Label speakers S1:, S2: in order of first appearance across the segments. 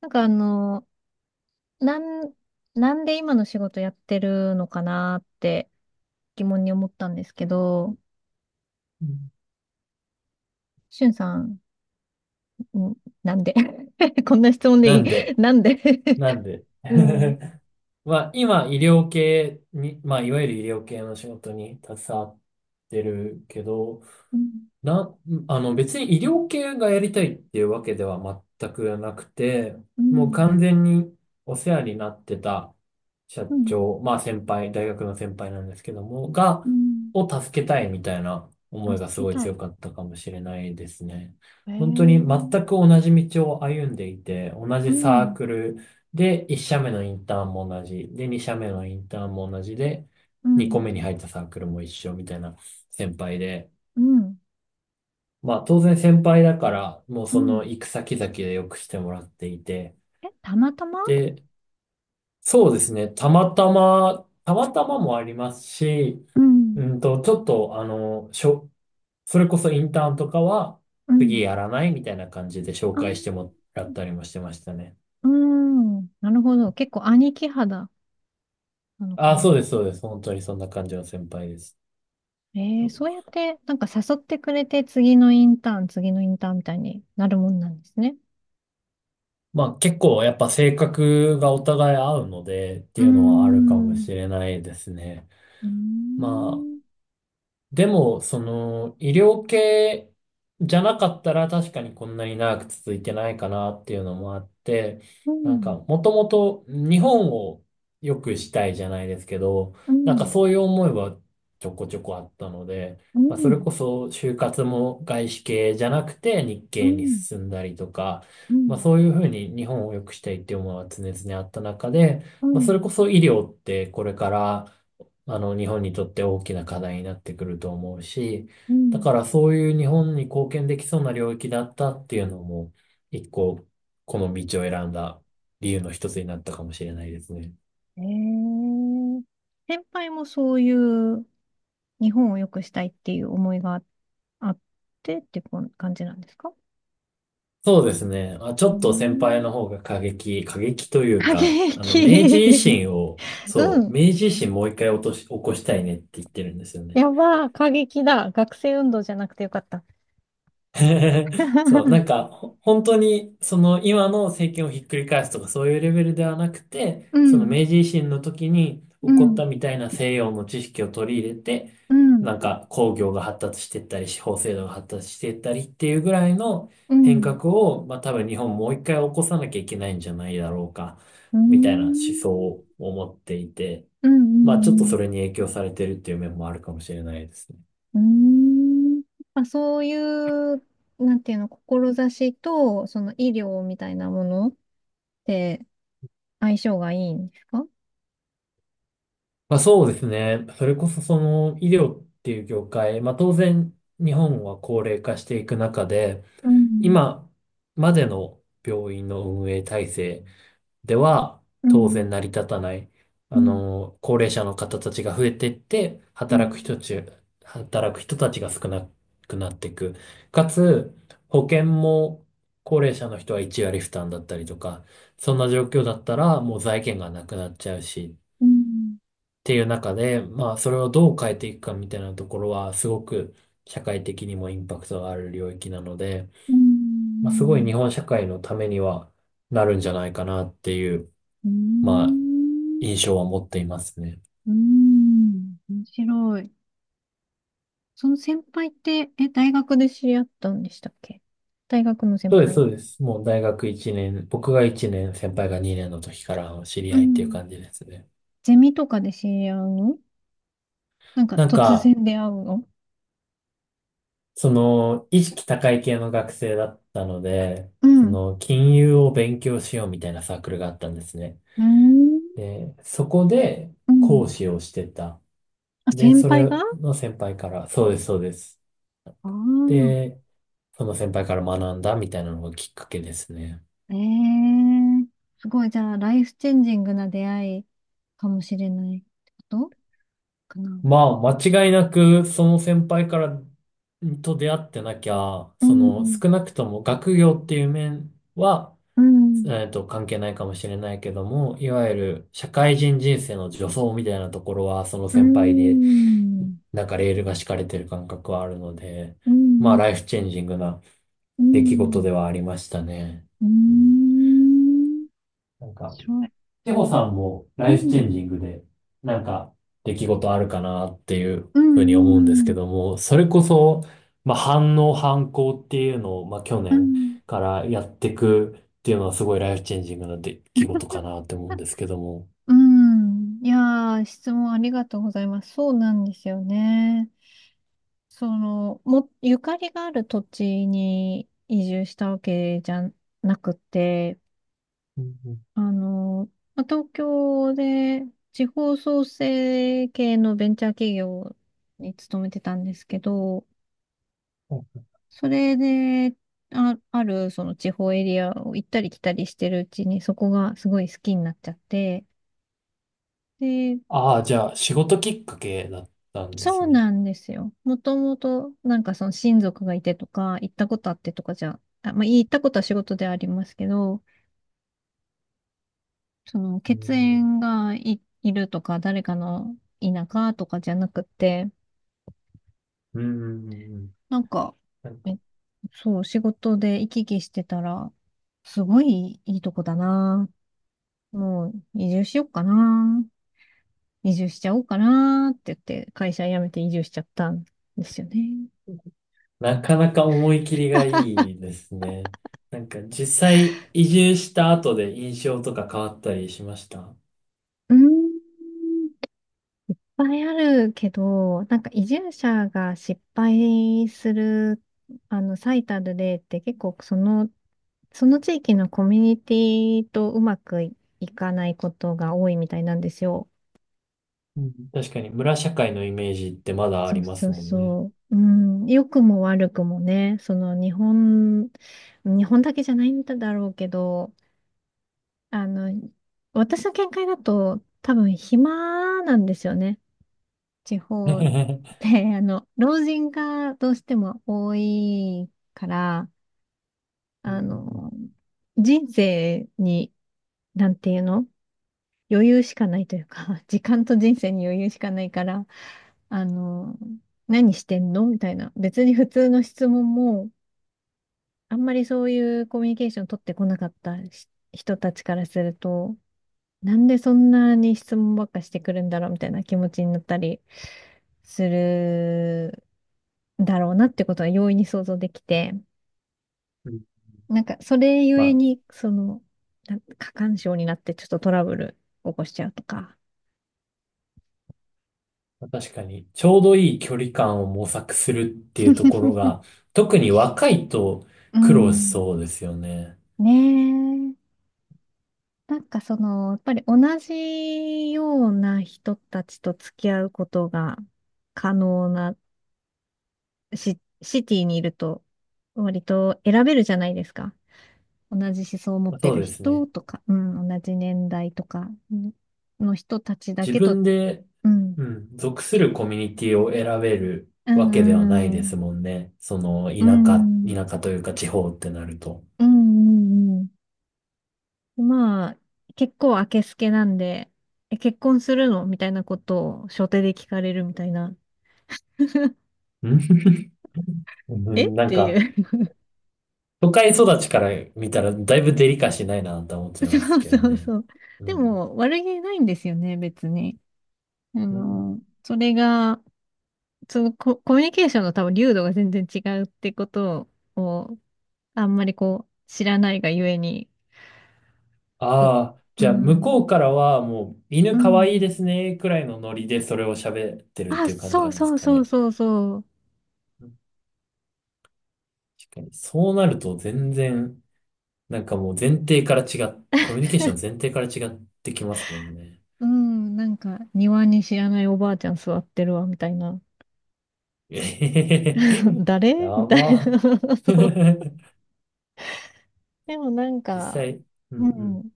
S1: なんかなん、なんで今の仕事やってるのかなって疑問に思ったんですけど、
S2: うん。
S1: しゅんさん、んなんで こんな質問で
S2: な
S1: いい
S2: んで、
S1: なんで
S2: なんで。
S1: うん、うん、
S2: まあ、今、医療系に、まあ、いわゆる医療系の仕事に携わってるけど、
S1: う
S2: な、あの別に医療系がやりたいっていうわけでは全くなくて、もう
S1: ん、
S2: 完全にお世話になってた社
S1: うん、
S2: 長、まあ先輩、大学の先輩なんですけども、
S1: うん。
S2: を助けたいみたいな思い
S1: 助
S2: がす
S1: け
S2: ごい
S1: た
S2: 強
S1: い。
S2: かったかもしれないですね。
S1: へえ
S2: 本当に全
S1: ー、
S2: く同じ道を歩んでいて、同
S1: う
S2: じサー
S1: ん、
S2: クルで1社目のインターンも同じ、で2社目のインターンも同じで、
S1: う
S2: 2個
S1: ん、
S2: 目に入ったサークルも一緒みたいな先輩で、
S1: うん、
S2: まあ当然先輩だから、もう
S1: う
S2: その
S1: ん。
S2: 行く先々でよくしてもらっていて。
S1: え、たまたま。
S2: で、そうですね。たまたまもありますし、
S1: うん、
S2: ちょっとそれこそインターンとかは
S1: う
S2: 次
S1: ん。
S2: やらないみたいな感じで紹
S1: あー、
S2: 介してもらったりもしてましたね。
S1: うん、なるほど。結構兄貴肌なのか
S2: ああ、そ
S1: な。
S2: うです、そうです。本当にそんな感じの先輩です。
S1: ええ、そうやって、なんか誘ってくれて、次のインターン、次のインターンみたいになるもんなんですね。
S2: まあ結構やっぱ性格がお互い合うのでっ
S1: う
S2: て
S1: ー
S2: いうのはあるかも
S1: ん、
S2: しれないですね。
S1: うー
S2: ま
S1: ん、
S2: でも、その、医療系じゃなかったら確かにこんなに長く続いてないかなっていうのもあって、
S1: う
S2: なんか、
S1: ん、
S2: もともと日本を良くしたいじゃないですけど、
S1: う
S2: なんか
S1: ん、
S2: そういう思いはちょこちょこあったので、
S1: うん、
S2: まあ、そ
S1: う
S2: れ
S1: ん、
S2: こそ就活も外資系じゃなくて日
S1: う
S2: 系に
S1: ん、
S2: 進んだりとか、まあそういうふうに日本を良くしたいっていう思いは常々あった中で、
S1: う
S2: まあそれ
S1: ん、
S2: こそ医療ってこれから日本にとって大きな課題になってくると思うし、
S1: う
S2: だ
S1: ん。
S2: からそういう日本に貢献できそうな領域だったっていうのも、一個、この道を選んだ理由の一つになったかもしれないですね。
S1: ええ、先輩もそういう日本を良くしたいっていう思いがあってってこん感じなんですか？
S2: そうですね。あ、ちょ
S1: うー
S2: っと先輩の
S1: ん、
S2: 方が過激、過激という
S1: 過
S2: か、明治維
S1: 激。
S2: 新を、
S1: う
S2: そう、
S1: ん。
S2: 明治維新もう一回落とし、起こしたいねって言ってるんですよね。
S1: やばー、過激だ。学生運動じゃなくてよかった。
S2: そう、な んか、ほ本当に、その今の政権をひっくり返すとかそういうレベルではなくて、
S1: う
S2: その
S1: ん、
S2: 明治維新の時に
S1: う
S2: 起こっ
S1: ん、
S2: たみたいな西洋の知識を取り入れて、
S1: う
S2: な
S1: ん、
S2: んか工業が発達していったり、司法制度が発達していったりっていうぐらいの
S1: うん、う
S2: 変
S1: ん、
S2: 革を、まあ多分日本もう一回起こさなきゃいけないんじゃないだろうか、
S1: う
S2: みたいな思
S1: ん、
S2: 想を持っていて、
S1: う
S2: まあちょっとそ
S1: ん、
S2: れに影響されてるっていう面もあるかもしれないですね。
S1: うん。まあ、そういう、なんていうの、志と、その医療みたいなものって相性がいいんですか？
S2: まあそうですね。それこそその医療っていう業界、まあ当然日本は高齢化していく中で、
S1: うん、
S2: 今までの病院の運営体制では
S1: う
S2: 当
S1: ん、
S2: 然成り立たない、
S1: うん、
S2: 高齢者の方たちが増えていって、
S1: うん、
S2: 働く人たちが少なくなっていく。かつ、保険も高齢者の人は1割負担だったりとか、そんな状況だったらもう財源がなくなっちゃうし、
S1: うん、
S2: っていう中で、まあ、それをどう変えていくかみたいなところは、すごく社会的にもインパクトがある領域なので、
S1: うん、
S2: まあ、すごい日本社会のためにはなるんじゃないかなっていう、
S1: う
S2: まあ、
S1: ん、
S2: 印象は持っていますね。
S1: うん、面白い。その先輩って、え、大学で知り合ったんでしたっけ？大学の先
S2: そうです、
S1: 輩。
S2: そうです。もう大学1年、僕が1年、先輩が2年の時からの知り
S1: う
S2: 合いっていう
S1: ん。
S2: 感じですね。
S1: ゼミとかで知り合うの？なんか
S2: なん
S1: 突
S2: か、
S1: 然出会うの？
S2: その、意識高い系の学生だったので、
S1: うん。
S2: そ
S1: う
S2: の、金融を勉強しようみたいなサークルがあったんですね。
S1: ーん。
S2: で、そこで
S1: うん。
S2: 講師をしてた。
S1: あ、
S2: で、
S1: 先
S2: そ
S1: 輩があ
S2: れの先輩から、そうです、そうです。なん
S1: あ
S2: か
S1: ー。
S2: で、その先輩から学んだみたいなのがきっかけですね。
S1: ええ、すごい、じゃあ、ライフチェンジングな出会いかもしれないってことかな。
S2: まあ、間違いなく、その先輩からと出会ってなきゃ、
S1: う
S2: その
S1: ん。
S2: 少なくとも学業っていう面は、
S1: うん。
S2: 関係ないかもしれないけども、いわゆる社会人人生の助走みたいなところは、その
S1: うん。
S2: 先輩に
S1: うん。
S2: なんかレールが敷かれてる感覚はあるので、
S1: う
S2: まあ
S1: ん。
S2: ライフチェンジングな出来事ではありましたね。
S1: う
S2: うん、
S1: ん。
S2: なん
S1: 面
S2: か、
S1: 白い。
S2: テホさんもラ
S1: う
S2: イフチ
S1: ん。
S2: ェンジングで、なんか出来事あるかなっていう
S1: う
S2: ふうに思うんですけ
S1: ん。
S2: ども、それこそ、まあ反応反抗っていうのを、まあ去
S1: うん。う
S2: 年
S1: ん。
S2: からやっていくっていうのはすごいライフチェンジングな出来事かなって思うんですけども。
S1: うん。いやー、質問ありがとうございます。そうなんですよね。ゆかりがある土地に移住したわけじゃなくて、
S2: うんうん
S1: あの、まあ東京で地方創生系のベンチャー企業に勤めてたんですけど、
S2: うん。
S1: それで、あ、あるその地方エリアを行ったり来たりしてるうちに、そこがすごい好きになっちゃって、で、
S2: ああ、じゃあ仕事きっかけだったんで
S1: そ
S2: す
S1: う
S2: ね。
S1: なんですよ。もともと、なんかその親族がいてとか、行ったことあってとかじゃ、あ、まあ、行ったことは仕事でありますけど、その
S2: う
S1: 血
S2: ん
S1: 縁がいるとか、誰かの田舎とかじゃなくて、
S2: うん。
S1: なんか、
S2: なんか
S1: え、そう、仕事で行き来してたら、すごいいいとこだな。もう移住しようかな。移住しちゃおうかなって言って、会社辞めて移住しちゃったんですよね。
S2: なかなか思い切りがいいですね。なんか実際移住した後で印象とか変わったりしました？
S1: うんぱいあるけど、なんか移住者が失敗する、最たる例って結構その地域のコミュニティとうまくいいかないことが多いみたいなんですよ。
S2: うん、確かに村社会のイメージってまだあ
S1: そ
S2: り
S1: う
S2: ま
S1: そ
S2: す
S1: う
S2: もんね。
S1: そう。うん、良くも悪くもね、日本だけじゃないんだろうけど、あの、私の見解だと多分暇なんですよね。地方 で、老人がどうしても多いから、
S2: う
S1: あ
S2: んう
S1: の、人生に、なんていうの余裕しかないというか、時間と人生に余裕しかないから、あの、何してんのみたいな。別に普通の質問も、あんまりそういうコミュニケーション取ってこなかったし人たちからすると、なんでそんなに質問ばっかしてくるんだろうみたいな気持ちになったりするだろうなってことは容易に想像できて、
S2: んうん。
S1: なんかそれゆ
S2: ま
S1: えに、過干渉になってちょっとトラブル起こしちゃうとか。
S2: あ確かにちょうどいい距離感を模索するっていうところ が特に若いと
S1: う
S2: 苦労し
S1: ん。
S2: そうですよね。
S1: ねえ。なんかその、やっぱり同じような人たちと付き合うことが可能なシティにいると割と選べるじゃないですか。同じ思想を持って
S2: そう
S1: る
S2: です
S1: 人
S2: ね。
S1: とか、うん、同じ年代とかの人たちだ
S2: 自
S1: けと、
S2: 分で、
S1: うん、
S2: うん、属するコミュニティを選べる
S1: う
S2: わけではない
S1: ん、う
S2: です
S1: ん、
S2: もんね。その、
S1: うん、
S2: 田舎、
S1: うん、
S2: 田舎というか地方ってなると。
S1: うん、うんうん、まあ、結構あけすけなんで、え、結婚するのみたいなことを初手で聞かれるみたいな、
S2: うん、う
S1: えっ
S2: ん。なん
S1: て
S2: か、
S1: いう。
S2: 都会育ちから見たらだいぶデリカシーないなと思っち ゃいま
S1: そ
S2: す
S1: う
S2: けど
S1: そう
S2: ね。
S1: そう。
S2: う
S1: で
S2: ん。
S1: も、悪気ないんですよね、別に。あ
S2: うん。
S1: の、それが、そのコミュニケーションの多分、流度が全然違うってことを、あんまりこう、知らないがゆえに、う、
S2: ああ、
S1: う
S2: じゃあ向こ
S1: ん、
S2: うからはもう
S1: う
S2: 犬かわいい
S1: ん。
S2: ですねくらいのノリでそれを喋ってるっ
S1: あ、
S2: ていう感じ
S1: そ
S2: な
S1: う
S2: んです
S1: そう
S2: か
S1: そう
S2: ね。
S1: そうそう。
S2: うん、確かに。そうなると全然、なんかもう前提から違っ、コミュニケーション前提から違ってきますもんね。
S1: うん、なんか、庭に知らないおばあちゃん座ってるわ、みたいな。
S2: えへへ へ
S1: 誰み
S2: や
S1: たい
S2: ば。
S1: な。そう。でもなん
S2: 実
S1: か、
S2: 際、うん
S1: う
S2: うん。
S1: ん、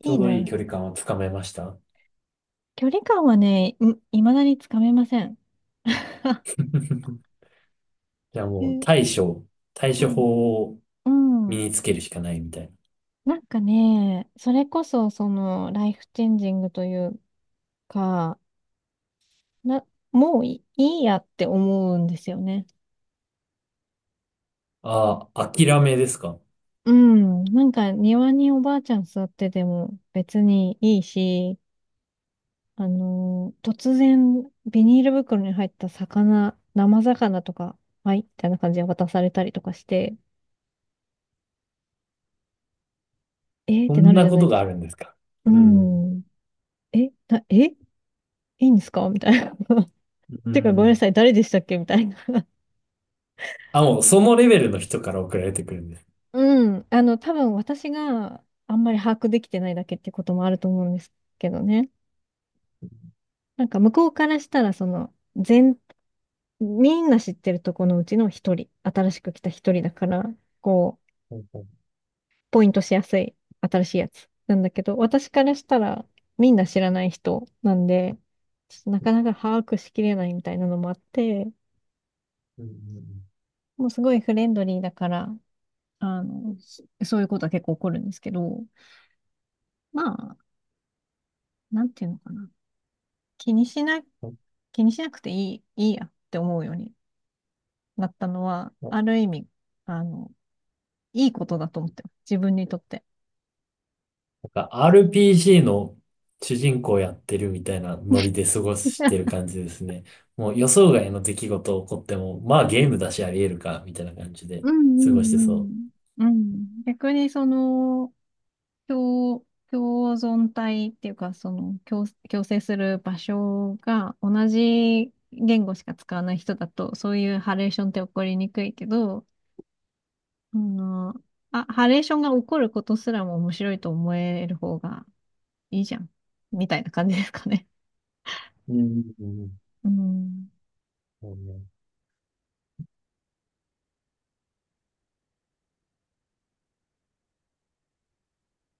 S2: ち
S1: い
S2: ょ
S1: い
S2: うどいい
S1: な。
S2: 距離感をつかめました？
S1: 距離感はね、いまだにつかめません。
S2: じゃあもう
S1: え、
S2: 対
S1: う
S2: 処
S1: ん。
S2: 法を
S1: う
S2: 身
S1: ん。
S2: につけるしかないみたいな。
S1: なんかね、それこそ、ライフチェンジングというか、な、もういい、いやって思うんですよね。
S2: ああ、諦めですか？
S1: うん。なんか庭におばあちゃん座ってても別にいいし、突然ビニール袋に入った魚、生魚とか、はい、みたいな感じで渡されたりとかして、えーっ
S2: そ
S1: てな
S2: ん
S1: るじ
S2: な
S1: ゃ
S2: こ
S1: ない
S2: と
S1: で
S2: が
S1: す
S2: あ
S1: か。
S2: るんですか？
S1: う
S2: うん。
S1: ん。え、な、え、いいんですかみたいな。
S2: う
S1: てかごめんな
S2: ん。
S1: さい、誰でしたっけみたいな。
S2: あ、もうそのレベルの人から送られてくるんです。
S1: うん。多分私があんまり把握できてないだけってこともあると思うんですけどね。なんか向こうからしたら、みんな知ってるとこのうちの一人、新しく来た一人だから、こう、
S2: うんうん
S1: ポイントしやすい、新しいやつなんだけど、私からしたら、みんな知らない人なんで、ちょっとなかなか把握しきれないみたいなのもあって、
S2: うん。
S1: もうすごいフレンドリーだから、そういうことは結構起こるんですけど、まあ、なんていうのかな。気にしな、気にしなくていいやって思うようになったのは、ある意味、あの、いいことだと思ってます。自分にとって。
S2: なんか RPG の主人公やってるみたいなノリで過ごしてる 感じですね。もう予想外の出来事起こっても、まあゲームだしあり得るか、みたいな感じで
S1: うん
S2: 過
S1: う
S2: ごしてそ
S1: んうん。うん。逆に共、共存体っていうか、共生する場所が同じ言語しか使わない人だと、そういうハレーションって起こりにくいけど、あの、あ、ハレーションが起こることすらも面白いと思える方がいいじゃん。みたいな感じですかね。
S2: う。うんうん
S1: うん。
S2: うん